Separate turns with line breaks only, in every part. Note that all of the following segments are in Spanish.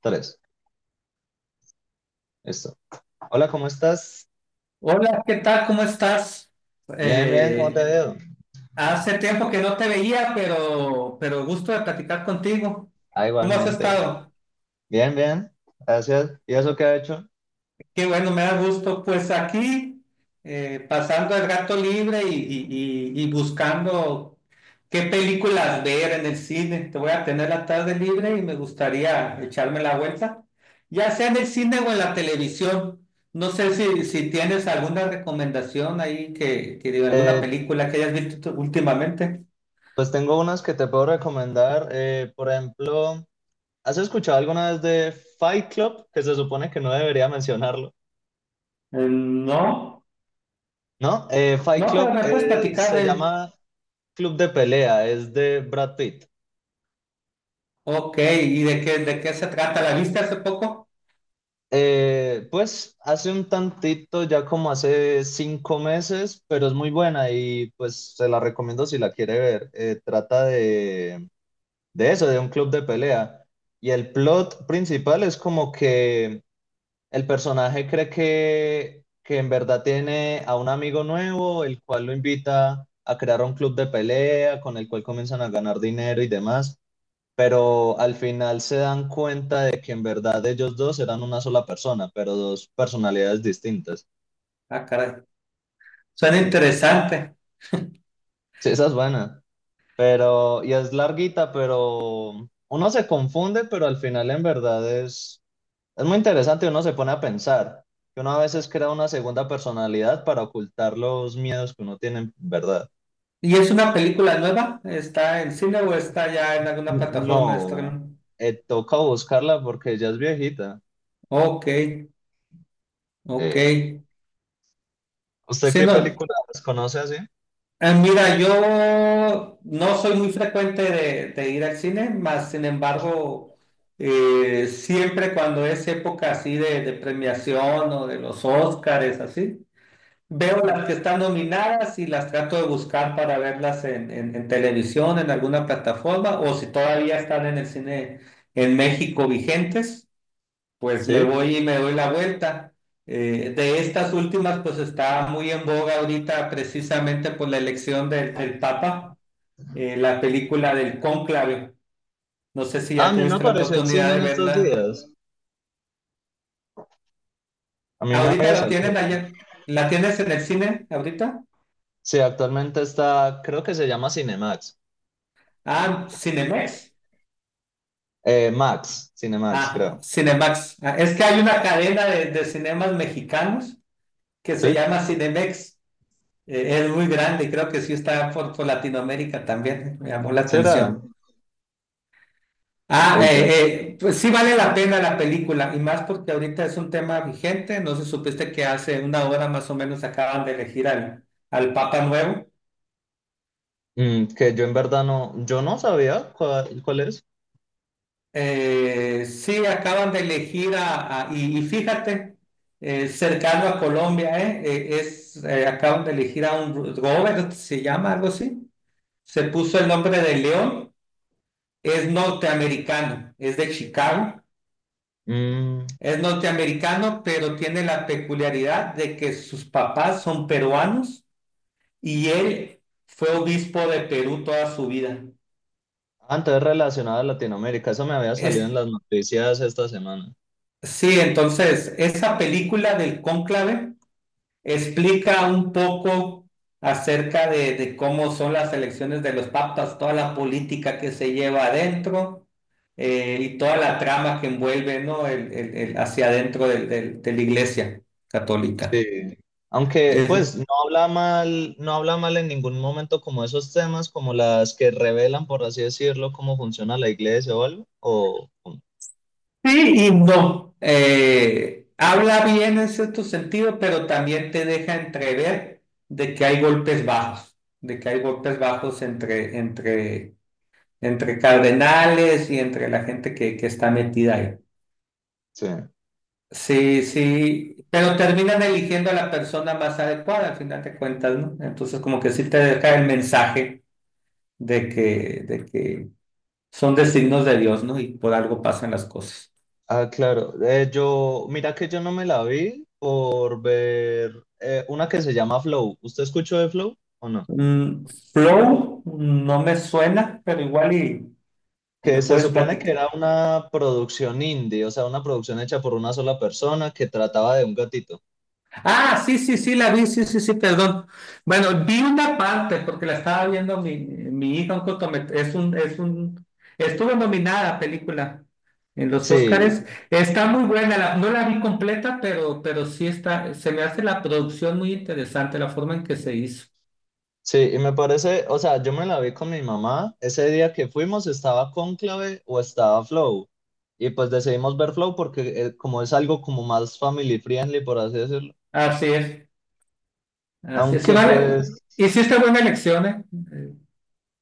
Tres. Listo. Hola, ¿cómo estás?
Hola, ¿qué tal? ¿Cómo estás?
Bien, bien, ¿cómo te
Eh,
veo?
hace tiempo que no te veía, pero gusto de platicar contigo.
Ah,
¿Cómo has
igualmente.
estado?
Bien, bien. Gracias. ¿Y eso qué ha hecho?
Qué bueno, me da gusto. Pues aquí, pasando el rato libre y buscando qué películas ver en el cine. Te voy a tener la tarde libre y me gustaría echarme la vuelta, ya sea en el cine o en la televisión. No sé si tienes alguna recomendación ahí que de alguna
Eh,
película que hayas visto tú últimamente.
pues tengo unas que te puedo recomendar. Por ejemplo, ¿has escuchado alguna vez de Fight Club? Que se supone que no debería mencionarlo.
No,
¿No? Fight
no, pero
Club
me puedes platicar
se
de...
llama Club de Pelea. Es de Brad Pitt.
Ok, ¿y de qué se trata? ¿La viste hace poco?
Pues hace un tantito, ya como hace 5 meses, pero es muy buena y pues se la recomiendo si la quiere ver. Trata de eso, de un club de pelea. Y el plot principal es como que el personaje cree que en verdad tiene a un amigo nuevo, el cual lo invita a crear un club de pelea con el cual comienzan a ganar dinero y demás, pero al final se dan cuenta de que en verdad ellos dos eran una sola persona, pero dos personalidades distintas.
Ah, caray. Suena interesante.
Sí, esa es buena, pero, y es larguita, pero uno se confunde, pero al final en verdad es muy interesante y uno se pone a pensar que uno a veces crea una segunda personalidad para ocultar los miedos que uno tiene en verdad.
¿Y es una película nueva? ¿Está en cine o está ya en alguna plataforma de
No,
streaming?
toca buscarla porque ella es viejita.
Ok, ok.
Eh, ¿Usted
Sí,
qué
no,
película conoce así?
mira, yo no soy muy frecuente de ir al cine, más sin embargo, siempre cuando es época así de premiación o de los Óscares, así, veo las que están nominadas y las trato de buscar para verlas en televisión, en alguna plataforma, o si todavía están en el cine en México vigentes, pues me
Sí.
voy y me doy la vuelta. De estas últimas, pues está muy en boga ahorita precisamente por la elección del Papa, la película del Cónclave. No sé si
Ah, a
ya
mí me
tuviste la
apareció en cine
oportunidad de
en estos
verla.
días. A mí me
Ahorita
había
la
salido.
tienen allá. ¿La tienes en el cine ahorita?
Sí, actualmente está, creo que se llama Cinemax.
Ah, Cinemex.
Max, Cinemax,
Ah,
creo.
Cinemax. Ah, es que hay una cadena de cinemas mexicanos que se
¿Sí?
llama Cinemex. Es muy grande, creo que sí está por Latinoamérica también. Me llamó la
¿Será?
atención. Ah,
Uy, yo no-
pues sí vale la pena la película y más porque ahorita es un tema vigente. No sé si supiste que hace una hora más o menos acaban de elegir al Papa Nuevo.
Mm, que yo en verdad no, yo no sabía cuál es.
Sí, acaban de elegir a, y fíjate, cercano a Colombia, es, acaban de elegir a un Robert, se llama algo así, se puso el nombre de León, es norteamericano, es de Chicago,
Mm,
es norteamericano, pero tiene la peculiaridad de que sus papás son peruanos y él fue obispo de Perú toda su vida.
ah, entonces relacionado a Latinoamérica, eso me había salido en
Es,
las noticias esta semana.
sí, entonces, esa película del cónclave explica un poco acerca de cómo son las elecciones de los papas, toda la política que se lleva adentro, y toda la trama que envuelve, ¿no? Hacia adentro de la iglesia católica.
Sí. Aunque,
Es-
pues, no habla mal, no habla mal en ningún momento como esos temas, como las que revelan, por así decirlo, cómo funciona la iglesia o algo. O...
sí y no. Habla bien en cierto sentido, pero también te deja entrever de que hay golpes bajos, de que hay golpes bajos entre, entre cardenales y entre la gente que está metida ahí.
Sí.
Sí, sí, pero terminan eligiendo a la persona más adecuada al final de cuentas, ¿no? Entonces como que sí te deja el mensaje de que son designios de Dios, ¿no? Y por algo pasan las cosas.
Ah, claro. Yo, mira que yo no me la vi por ver una que se llama Flow. ¿Usted escuchó de Flow o no?
Mm, Flow, no me suena, pero igual y
Que
me
se
puedes
supone que
platicar.
era una producción indie, o sea, una producción hecha por una sola persona que trataba de un gatito.
Ah, sí, sí, sí, la vi, sí, sí, sí, perdón. Bueno, vi una parte porque la estaba viendo mi hija, un estuvo nominada película en los Óscares.
Sí,
Está muy buena, no la vi completa, pero sí está, se me hace la producción muy interesante, la forma en que se hizo.
sí, y me parece, o sea, yo me la vi con mi mamá. Ese día que fuimos estaba Cónclave o estaba Flow. Y pues decidimos ver Flow porque como es algo como más family friendly, por así decirlo.
Así es, así es. Sí,
Aunque
vale.
pues
Hiciste buena elección, ¿eh? Eh,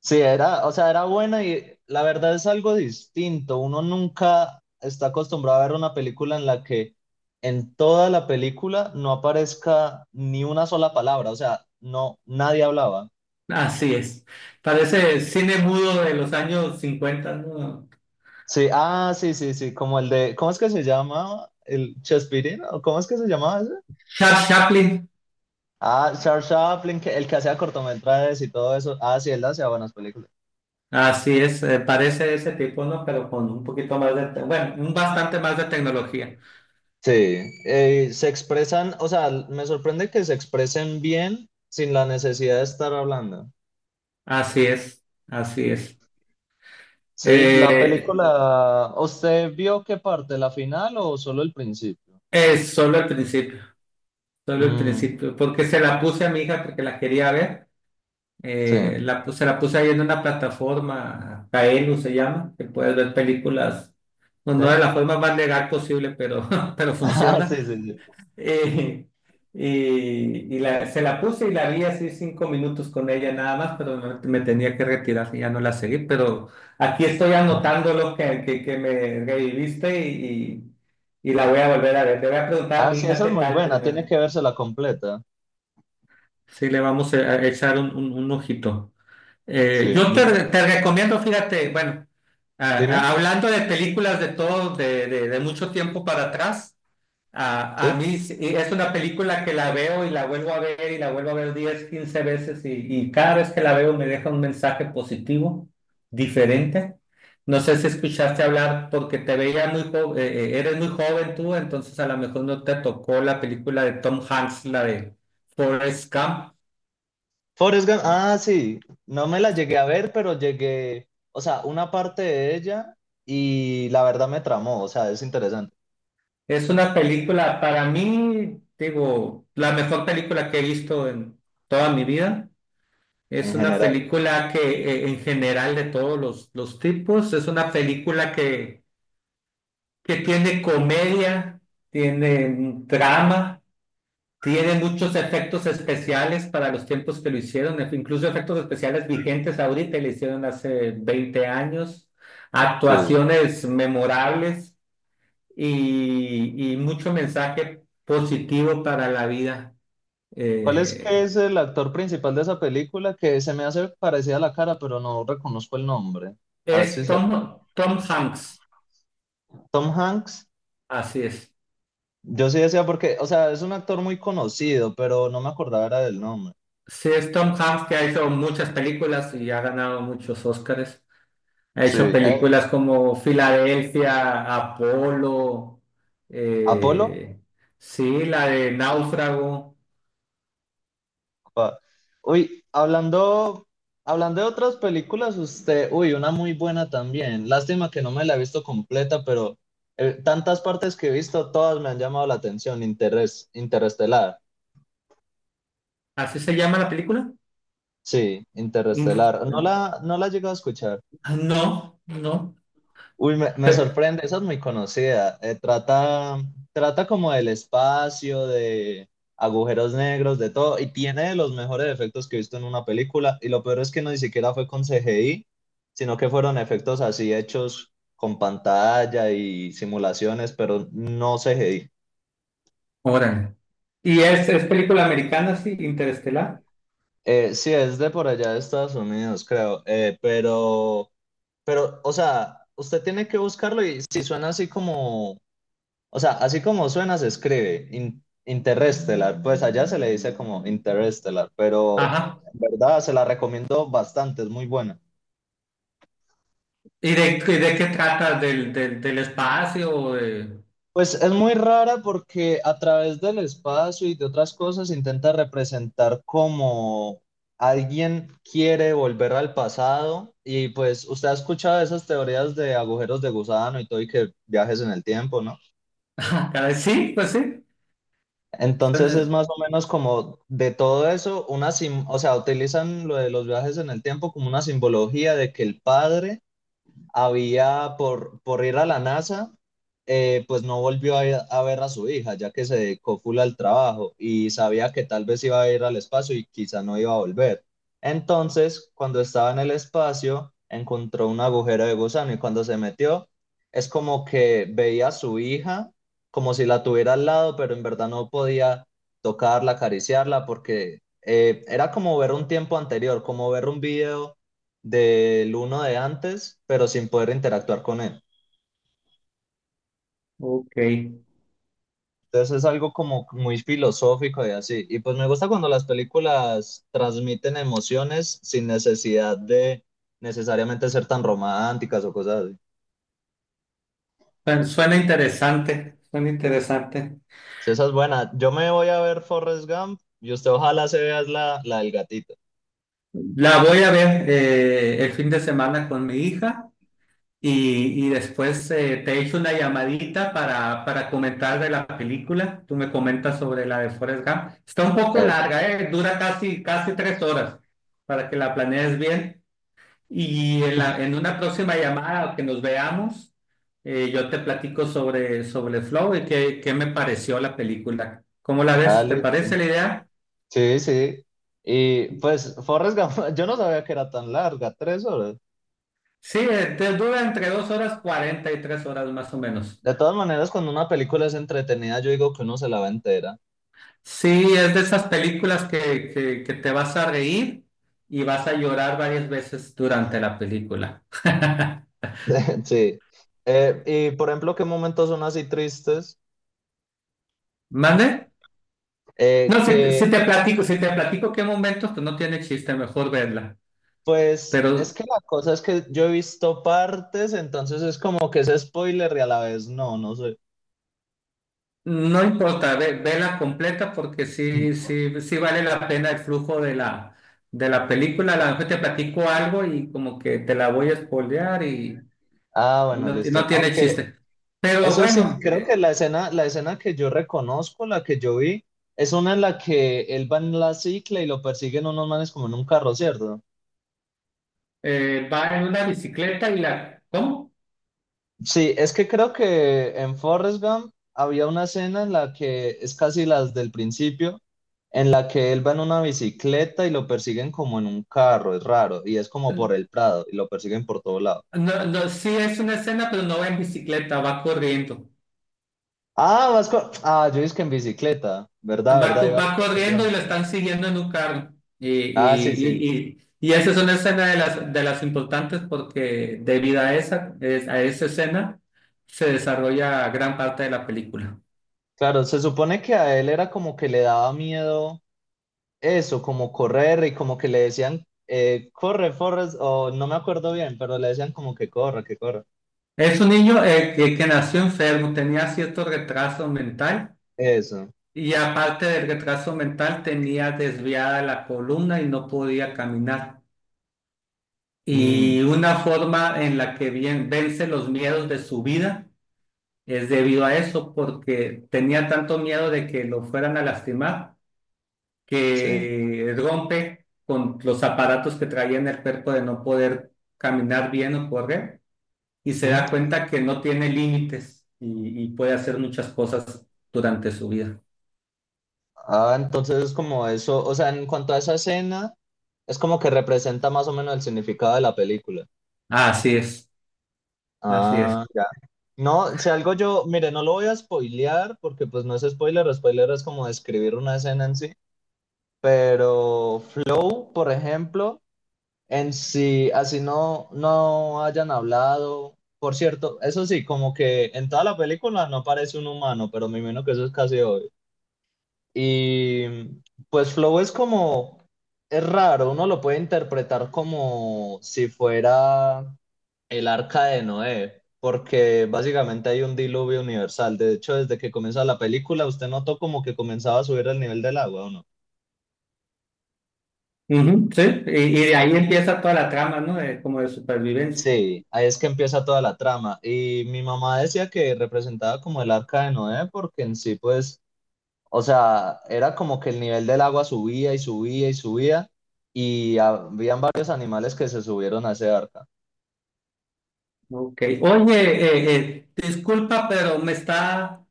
sí, era, o sea, era buena y la verdad es algo distinto. Uno nunca está acostumbrado a ver una película en la que en toda la película no aparezca ni una sola palabra, o sea, no, nadie hablaba.
Así es. Parece cine mudo de los años 50, ¿no?
Sí, ah, sí, sí, sí, como el de, ¿cómo es que se llama? ¿El Chespirito? ¿O cómo es que se llamaba ese?
Charles Chaplin.
Ah, Charles Chaplin, que- el que hacía cortometrajes y todo eso. Ah, sí, él hacía buenas películas.
Así es, parece ese tipo, ¿no? Pero con un poquito más bueno, un bastante más de tecnología.
Sí, se expresan, o sea, me sorprende que se expresen bien sin la necesidad de estar hablando.
Así es, así es.
Sí, la
Eh,
película, ¿usted vio qué parte, la final o solo el principio?
es solo el
Mm,
principio, porque se la puse a mi hija porque la quería ver.
sí.
Se la puse ahí en una plataforma, Kaelu se llama, que puedes ver películas, no,
Sí.
no de la forma más legal posible, pero, pero
Ah, sí,
funciona.
sí, sí.
Eh, se la puse y la vi así 5 minutos con ella nada más, pero me tenía que retirar, ya no la seguí, pero aquí estoy
Mm.
anotando lo que, que me reviviste, y la voy a volver a ver. Le voy a preguntar a
Ah,
mi
sí,
hija
esa es
qué
muy
tal
buena, tiene
primero.
que vérsela completa.
Sí, le vamos a echar un ojito.
Sí.
Yo
Mi-
te recomiendo, fíjate, bueno, a-
dime,
hablando de películas de todo, de mucho tiempo para atrás, a mí
sí.
es una película que la veo y la vuelvo a ver y la vuelvo a ver 10 o 15 veces, y cada vez que la veo me deja un mensaje positivo, diferente. No sé si escuchaste hablar porque te veía muy joven, eres muy joven tú, entonces a lo mejor no te tocó la película de Tom Hanks, la de Forrest Gump.
Forrest Gump, ah, sí, no me la llegué a ver, pero llegué, o sea, una parte de ella y la verdad me tramó, o sea, es interesante
Es una película, para mí, digo, la mejor película que he visto en toda mi vida.
en
Es una
general.
película que en general de todos los tipos, es una película que tiene comedia, tiene drama, tiene muchos efectos especiales para los tiempos que lo hicieron, incluso efectos especiales vigentes ahorita, y le hicieron hace 20 años,
Sí.
actuaciones memorables y mucho mensaje positivo para la vida.
¿Cuál es que
Eh,
es el actor principal de esa película que se me hace parecida a la cara, pero no reconozco el nombre? A ver si
es
se acuerda.
Tom Hanks,
Tom Hanks.
así es.
Yo sí decía porque, o sea, es un actor muy conocido, pero no me acordaba era del nombre.
Sí, es Tom Hanks que ha hecho muchas películas y ha ganado muchos Óscares. Ha hecho
Sí, él,
películas como Filadelfia, Apolo,
Apolo.
eh, sí, la de Náufrago.
Pa- uy, hablando, hablando de otras películas, usted, uy, una muy buena también. Lástima que no me la he visto completa, pero tantas partes que he visto, todas me han llamado la atención. Interes, Interestelar.
¿Así se llama la película?
Sí,
In-
Interestelar. No la, no la he llegado a escuchar.
No, no.
Uy, me
Pe-
sorprende, esa es muy conocida. Trata, trata como del espacio, de agujeros negros, de todo, y tiene de los mejores efectos que he visto en una película. Y lo peor es que no ni siquiera fue con CGI, sino que fueron efectos así hechos con pantalla y simulaciones, pero no CGI.
Órale. Y es película americana, sí, Interestelar.
Sí, es de por allá de Estados Unidos, creo, pero... Pero, o sea, usted tiene que buscarlo y si suena así como, o sea, así como suena se escribe, in- Interstellar, pues allá se le dice como Interstellar, pero
Ajá.
en verdad se la recomiendo bastante, es muy buena.
¿Y de qué trata? ¿Del espacio? ¿O
Pues es muy rara porque a través del espacio y de otras cosas intenta representar cómo alguien quiere volver al pasado y pues usted ha escuchado esas teorías de agujeros de gusano y todo y que viajes en el tiempo, ¿no?
ah, caray? Sí, pues sí.
Entonces es
Suena-
más o menos como de todo eso, una sim- o sea, utilizan lo de los viajes en el tiempo como una simbología de que el padre había por ir a la NASA, pues no volvió a ver a su hija, ya que se dedicó full al trabajo y sabía que tal vez iba a ir al espacio y quizá no iba a volver. Entonces, cuando estaba en el espacio, encontró un agujero de gusano y cuando se metió, es como que veía a su hija como si la tuviera al lado, pero en verdad no podía tocarla, acariciarla, porque era como ver un tiempo anterior, como ver un video del uno de antes, pero sin poder interactuar con él.
ok.
Entonces es algo como muy filosófico y así. Y pues me gusta cuando las películas transmiten emociones sin necesidad de necesariamente ser tan románticas o cosas así.
Suena interesante. Suena interesante.
Sí, esa es buena. Yo me voy a ver Forrest Gump y usted ojalá se vea la, la del gatito.
La voy a ver el fin de semana con mi hija, y después te echo una llamadita para comentar de la película. Tú me comentas sobre la de Forrest Gump. Está un poco
Eh,
larga, dura casi 3 horas, para que la planees bien. Y en en una próxima llamada o que nos veamos, yo te platico sobre Flow y qué me pareció la película. ¿Cómo la
ah,
ves? ¿Te parece
listo.
la idea?
Sí, sí. Y pues Forrest Gump, yo no sabía que era tan larga, 3 horas.
Sí, te dura entre 2 horas 40 y 3 horas más o menos.
De todas maneras, cuando una película es entretenida, yo digo que uno se la va entera.
Sí, es de esas películas que te vas a reír y vas a llorar varias veces durante la película.
Sí. Y por ejemplo, ¿qué momentos son así tristes?
¿Mande? No, si, te
Que
si te platico, si te platico qué momentos, pues no tiene chiste, mejor verla.
pues es
Pero
que la cosa es que yo he visto partes, entonces es como que es spoiler y a la vez no, no sé.
no importa, vela completa porque sí, sí, sí vale la pena el flujo de la película. A lo mejor te platico algo y como que te la voy a spoilear, y,
Ah,
y
bueno,
no, y no
listo.
tiene
Aunque
chiste. Pero
eso sí,
bueno,
creo que la escena que yo reconozco, la que yo vi, es una en la que él va en la cicla y lo persiguen unos manes como en un carro, ¿cierto?
va en una bicicleta y la... ¿Cómo?
Sí, es que creo que en Forrest Gump había una escena en la que es casi las del principio, en la que él va en una bicicleta y lo persiguen como en un carro, es raro, y es como por el Prado, y lo persiguen por todo lado.
No, no, sí es una escena, pero no va en bicicleta, va corriendo.
Ah, vas con... Ah, yo dije que en bicicleta, ¿verdad?
Va,
¿Verdad?
co-
Iba
va corriendo y lo
corriendo.
están siguiendo en un carro. Y,
Ah, sí,
y,
sí.
y, y, y esa es una escena de las importantes, porque debido a esa, a esa escena se desarrolla gran parte de la película.
Claro, se supone que a él era como que le daba miedo eso, como correr y como que le decían, corre, Forrest, o no me acuerdo bien, pero le decían como que corra, que corra.
Es un niño que nació enfermo, tenía cierto retraso mental,
Eso.
y aparte del retraso mental tenía desviada la columna y no podía caminar.
Mm,
Y una forma en la que bien, vence los miedos de su vida es debido a eso, porque tenía tanto miedo de que lo fueran a lastimar
sí.
que rompe con los aparatos que traía en el cuerpo de no poder caminar bien o correr, y se
Mm.
da cuenta que no tiene límites, y puede hacer muchas cosas durante su vida.
Ah, entonces es como eso, o sea, en cuanto a esa escena, es como que representa más o menos el significado de la película.
Así es, así es.
Ah, ya. No, si algo yo, mire, no lo voy a spoilear porque pues no es spoiler, spoiler es como describir una escena en sí, pero Flow, por ejemplo, en sí, así no, no hayan hablado, por cierto, eso sí, como que en toda la película no aparece un humano, pero me imagino que eso es casi obvio. Y pues flow es como, es raro, uno lo puede interpretar como si fuera el arca de Noé, porque básicamente hay un diluvio universal. De hecho, desde que comienza la película, usted notó como que comenzaba a subir el nivel del agua, ¿o no?
Ujú, sí, y de ahí empieza toda la trama, ¿no? Como de supervivencia.
Sí, ahí es que empieza toda la trama. Y mi mamá decía que representaba como el arca de Noé, porque en sí, pues o sea, era como que el nivel del agua subía y subía y subía y habían varios animales que se subieron a ese arca.
Ok. Oye, disculpa, pero me está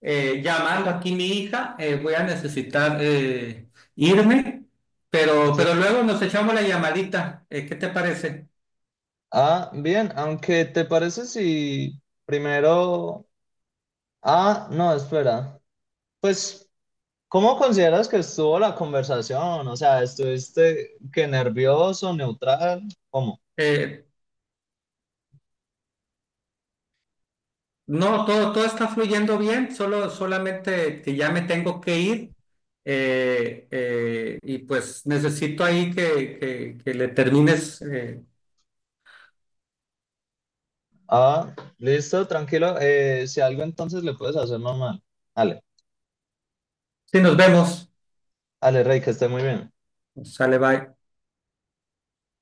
llamando aquí mi hija. Voy a necesitar irme, pero,
Sí.
pero luego nos echamos la llamadita. ¿Qué te parece?
Ah, bien, aunque te parece si primero... Ah, no, espera. Pues, ¿cómo consideras que estuvo la conversación? O sea, ¿estuviste que nervioso, neutral? ¿Cómo?
Eh, no, todo, todo está fluyendo bien, solo, solamente que ya me tengo que ir, y pues necesito ahí que, que le termines.
Ah, listo, tranquilo. Si algo entonces le puedes hacer normal. Dale,
Sí, nos vemos.
dale, Rey, que esté muy bien.
Sale, bye.